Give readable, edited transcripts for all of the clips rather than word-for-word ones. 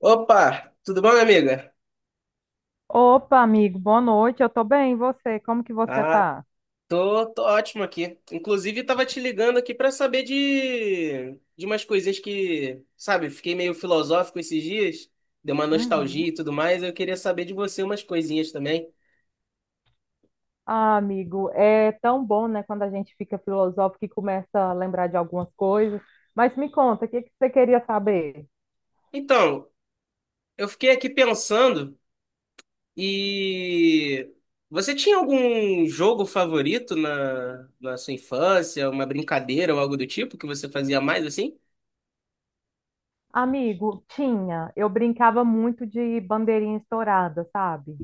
Opa, tudo bom, minha amiga? Opa, amigo, boa noite. Eu tô bem, e você? Como que você Ah, tá? tô ótimo aqui. Inclusive, tava te ligando aqui pra saber de umas coisinhas que, sabe, fiquei meio filosófico esses dias, deu uma nostalgia Uhum. e tudo mais. Eu queria saber de você umas coisinhas também. Ah, amigo, é tão bom, né, quando a gente fica filosófico e começa a lembrar de algumas coisas. Mas me conta, o que que você queria saber? Então, eu fiquei aqui pensando e você tinha algum jogo favorito na sua infância, uma brincadeira ou algo do tipo que você fazia mais assim? Amigo, tinha. Eu brincava muito de bandeirinha estourada, sabe?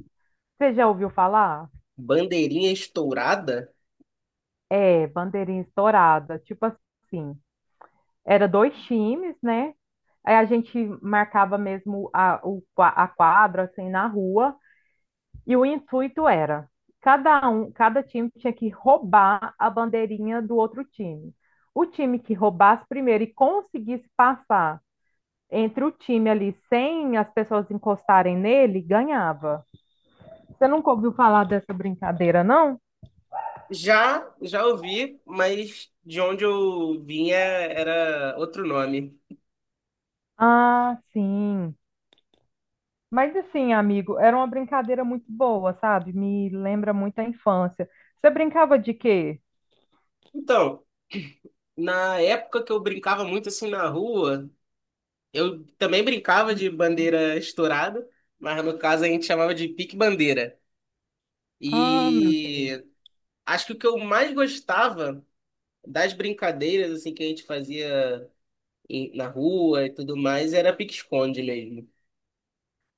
Você já ouviu falar? Bandeirinha estourada? É, bandeirinha estourada. Tipo assim, era dois times, né? Aí a gente marcava mesmo a quadra, assim, na rua. E o intuito era, cada time tinha que roubar a bandeirinha do outro time. O time que roubasse primeiro e conseguisse passar entre o time ali sem as pessoas encostarem nele, ganhava. Você nunca ouviu falar dessa brincadeira, não? Já ouvi, mas de onde eu vinha era outro nome. Ah, sim. Mas assim, amigo, era uma brincadeira muito boa, sabe? Me lembra muito a infância. Você brincava de quê? Então, na época que eu brincava muito assim na rua, eu também brincava de bandeira estourada, mas no caso a gente chamava de pique-bandeira. Ah, meu Deus. E acho que o que eu mais gostava das brincadeiras assim que a gente fazia na rua e tudo mais era pique-esconde mesmo.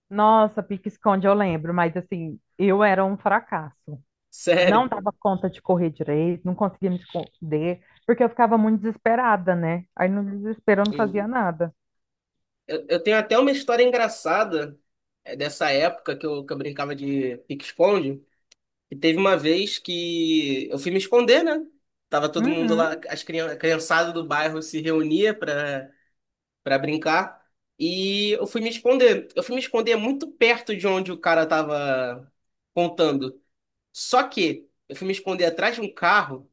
Nossa, pique-esconde, eu lembro, mas assim, eu era um fracasso. Não Sério. dava conta de correr direito, não conseguia me esconder, porque eu ficava muito desesperada, né? Aí no desespero eu não fazia nada. Eu tenho até uma história engraçada dessa época que eu brincava de pique-esconde. E teve uma vez que eu fui me esconder, né? Tava todo mundo Uhum. lá, a criançada do bairro se reunia pra brincar. E eu fui me esconder. Eu fui me esconder muito perto de onde o cara tava contando. Só que eu fui me esconder atrás de um carro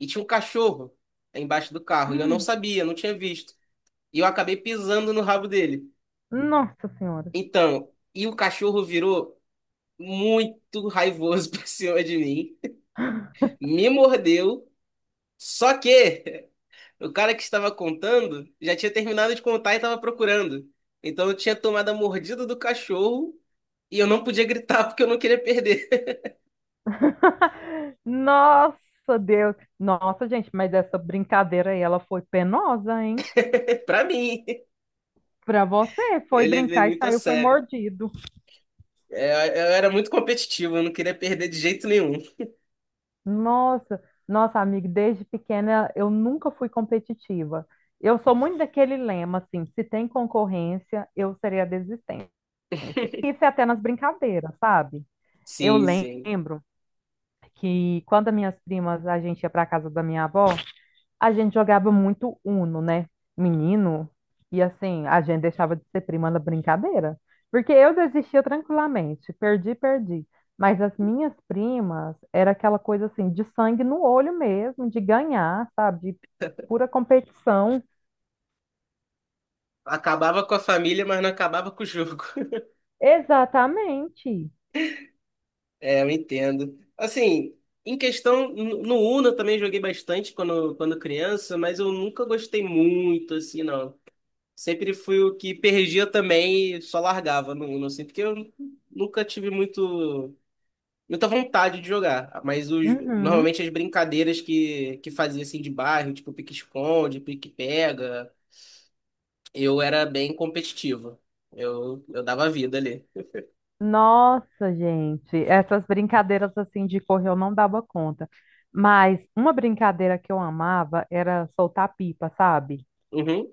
e tinha um cachorro embaixo do carro. E eu não sabia, não tinha visto. E eu acabei pisando no rabo dele. Nossa Senhora. Então, e o cachorro virou muito raivoso pra cima de mim, me mordeu, só que o cara que estava contando já tinha terminado de contar e estava procurando. Então eu tinha tomado a mordida do cachorro e eu não podia gritar porque eu não queria perder. Nossa Deus. Nossa, gente, mas essa brincadeira aí, ela foi penosa, hein? Pra mim, Pra você, foi eu levei brincar e muito a saiu, foi sério. mordido. É, eu era muito competitivo, eu não queria perder de jeito nenhum. Nossa, nossa, amiga, desde pequena eu nunca fui competitiva. Eu sou muito daquele lema, assim, se tem concorrência, eu serei a desistente. Isso é até nas brincadeiras, sabe? Eu Sim, sim. lembro que quando as minhas primas, a gente ia para casa da minha avó, a gente jogava muito Uno, né? Menino, e assim, a gente deixava de ser prima na brincadeira. Porque eu desistia tranquilamente, perdi, perdi. Mas as minhas primas era aquela coisa assim, de sangue no olho mesmo, de ganhar, sabe? De pura competição. Acabava com a família, mas não acabava com o jogo. Exatamente. É, eu entendo. Assim, em questão, no Uno eu também joguei bastante quando criança, mas eu nunca gostei muito, assim, não. Sempre fui o que perdia também e só largava no Uno, assim, porque eu nunca tive muita vontade de jogar. Mas Uhum. normalmente as brincadeiras que fazia, assim, de bairro, tipo pique-esconde, pique-pega, eu era bem competitivo. Eu dava vida ali. Nossa, gente, essas brincadeiras assim de correr eu não dava conta. Mas uma brincadeira que eu amava era soltar pipa, sabe? Uhum,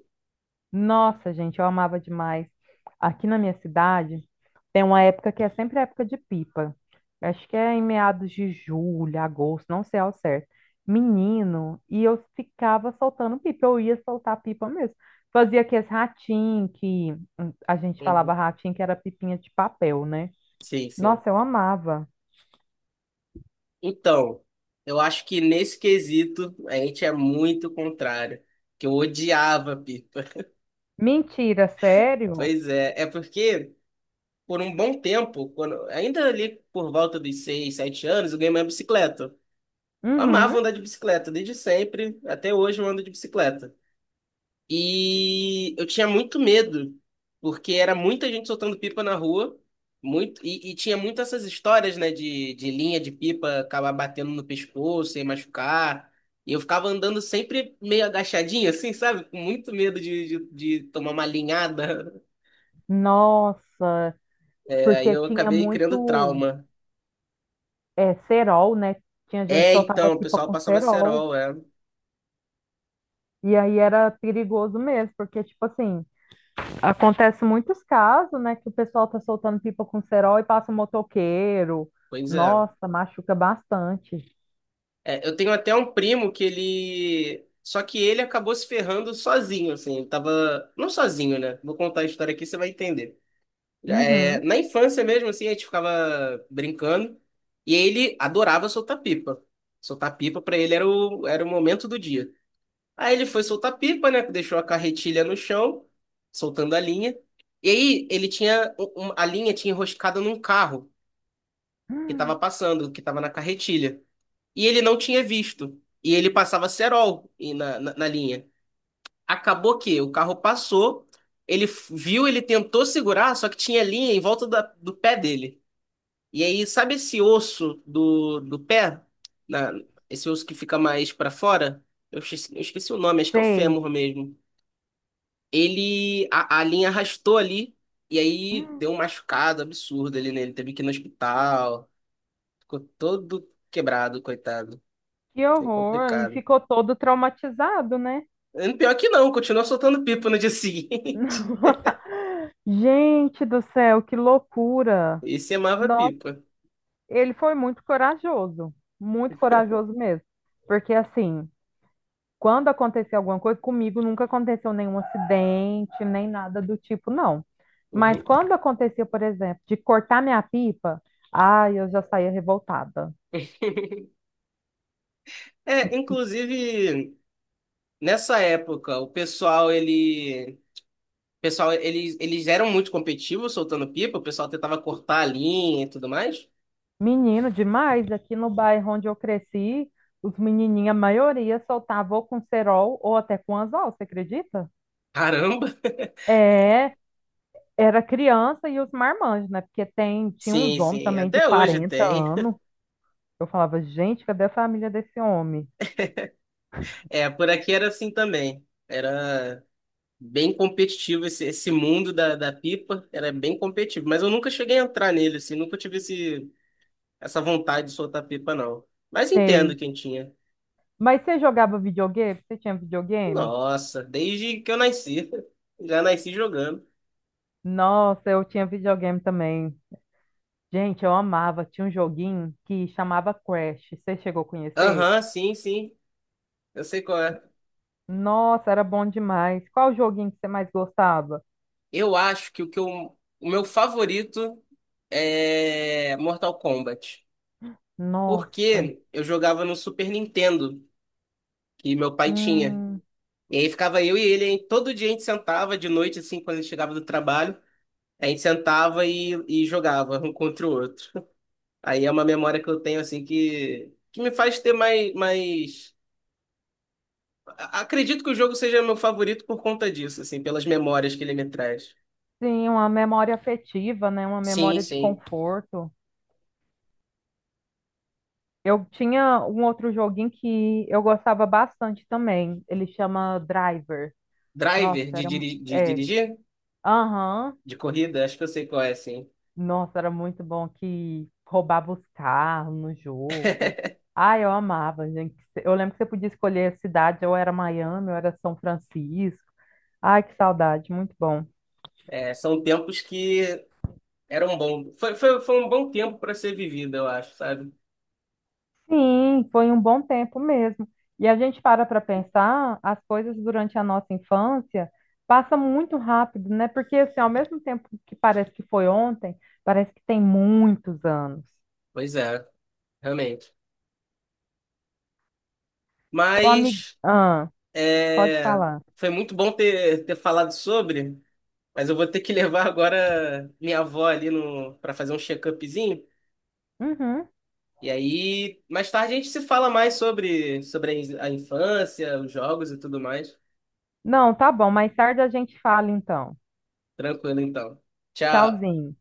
Nossa, gente, eu amava demais. Aqui na minha cidade tem uma época que é sempre a época de pipa. Acho que é em meados de julho, agosto, não sei ao certo. Menino, e eu ficava soltando pipa, eu ia soltar pipa mesmo. Fazia aqueles ratinhos que a gente falava uhum. ratinho que era pipinha de papel, né? Sim, sim. Nossa, eu amava. Então, eu acho que nesse quesito a gente é muito contrário, que eu odiava pipa. Mentira, sério? Pois é, é porque por um bom tempo, ainda ali por volta dos seis, sete anos, eu ganhei minha bicicleta. Eu amava Uhum. andar de bicicleta, desde sempre, até hoje eu ando de bicicleta. E eu tinha muito medo, porque era muita gente soltando pipa na rua, muito, e tinha muito essas histórias, né, de linha de pipa acabar batendo no pescoço e machucar. E eu ficava andando sempre meio agachadinho, assim, sabe? Com muito medo de tomar uma linhada. Nossa, É, aí porque eu tinha acabei criando muito trauma. Cerol, né? Tinha gente que É, soltava então, o pipa pessoal com passava cerol. cerol, é. E aí era perigoso mesmo, porque, tipo assim, acontece muitos casos, né? Que o pessoal tá soltando pipa com cerol e passa um motoqueiro. Pois é. Nossa, machuca bastante. É, eu tenho até um primo que ele. Só que ele acabou se ferrando sozinho, assim. Ele tava. Não sozinho, né? Vou contar a história aqui, você vai entender. É, Uhum. na infância mesmo, assim, a gente ficava brincando. E ele adorava soltar pipa. Soltar pipa pra ele era era o momento do dia. Aí ele foi soltar pipa, né? Deixou a carretilha no chão, soltando a linha. E aí ele tinha. A linha tinha enroscado num carro que tava Hum. passando, que tava na carretilha e ele não tinha visto. E ele passava cerol e na linha. Acabou que o carro passou, viu, ele tentou segurar, só que tinha linha em volta do pé dele. E aí, sabe esse osso do pé? Na- esse osso que fica mais pra fora? Eu esqueci o nome, acho que é o Sei. fêmur mesmo. Ele, a linha arrastou ali, e aí Hum. deu um machucado absurdo ali nele. Teve que ir no hospital, ficou todo quebrado, coitado. Que Foi horror. E complicado. ficou todo traumatizado, né? Pior que não, continua soltando pipa no dia seguinte. Gente do céu, que loucura! Esse amava Nossa, pipa. ele foi muito corajoso mesmo. Porque assim, quando aconteceu alguma coisa, comigo nunca aconteceu nenhum acidente, nem nada do tipo, não. Mas Uhum. quando aconteceu, por exemplo, de cortar minha pipa, ai, eu já saía revoltada. É, inclusive, nessa época, o pessoal, ele... o pessoal, eles eram muito competitivos soltando pipa, o pessoal tentava cortar a linha e tudo mais. Menino demais, aqui no bairro onde eu cresci, os menininhos, a maioria soltava ou com cerol ou até com anzol, você acredita? Caramba! É, era criança e os marmanjos, né? Tinha Sim, uns homens sim, também de até hoje 40 tem. anos. Eu falava, gente, cadê a família desse homem? É, por aqui era assim também. Era bem competitivo esse mundo da pipa, era bem competitivo. Mas eu nunca cheguei a entrar nele, assim, nunca tive essa vontade de soltar pipa, não. Mas entendo Sei. quem tinha. Mas você jogava videogame? Você tinha videogame? Nossa, desde que eu nasci. Já nasci jogando. Nossa, eu tinha videogame também. Gente, eu amava. Tinha um joguinho que chamava Crash. Você chegou a conhecer? Aham, sim, sim. Eu sei qual é. Nossa, era bom demais. Qual joguinho que você mais gostava? Eu acho que o meu favorito é Mortal Kombat. Nossa. Porque eu jogava no Super Nintendo, que meu pai tinha. Hum, E aí ficava eu e ele, hein? Todo dia a gente sentava de noite, assim, quando ele chegava do trabalho, a gente sentava e jogava um contra o outro. Aí é uma memória que eu tenho, assim, que me faz ter mais... Acredito que o jogo seja meu favorito por conta disso, assim, pelas memórias que ele me traz. sim, uma memória afetiva, né? Uma Sim, memória de sim. conforto. Eu tinha um outro joguinho que eu gostava bastante também. Ele chama Driver. Driver Nossa, de, era de é. dirigir? Aham. De corrida? Acho que eu sei qual é, sim. Nossa, era muito bom que roubava os carros no jogo. Ah, eu amava, gente. Eu lembro que você podia escolher a cidade, ou era Miami, ou era São Francisco. Ai, que saudade, muito bom. É, são tempos que eram bons. Foi um bom tempo para ser vivido, eu acho, sabe? Sim, foi um bom tempo mesmo. E a gente para pensar, as coisas durante a nossa infância passam muito rápido, né? Porque assim, ao mesmo tempo que parece que foi ontem, parece que tem muitos anos. Pois é, realmente. O amigo, Mas ah, pode é, falar. foi muito bom ter, ter falado sobre. Mas eu vou ter que levar agora minha avó ali no para fazer um check-upzinho. Uhum. E aí, mais tarde a gente se fala mais sobre a infância, os jogos e tudo mais. Não, tá bom, mais tarde a gente fala então. Tranquilo, então. Tchau. Tchauzinho.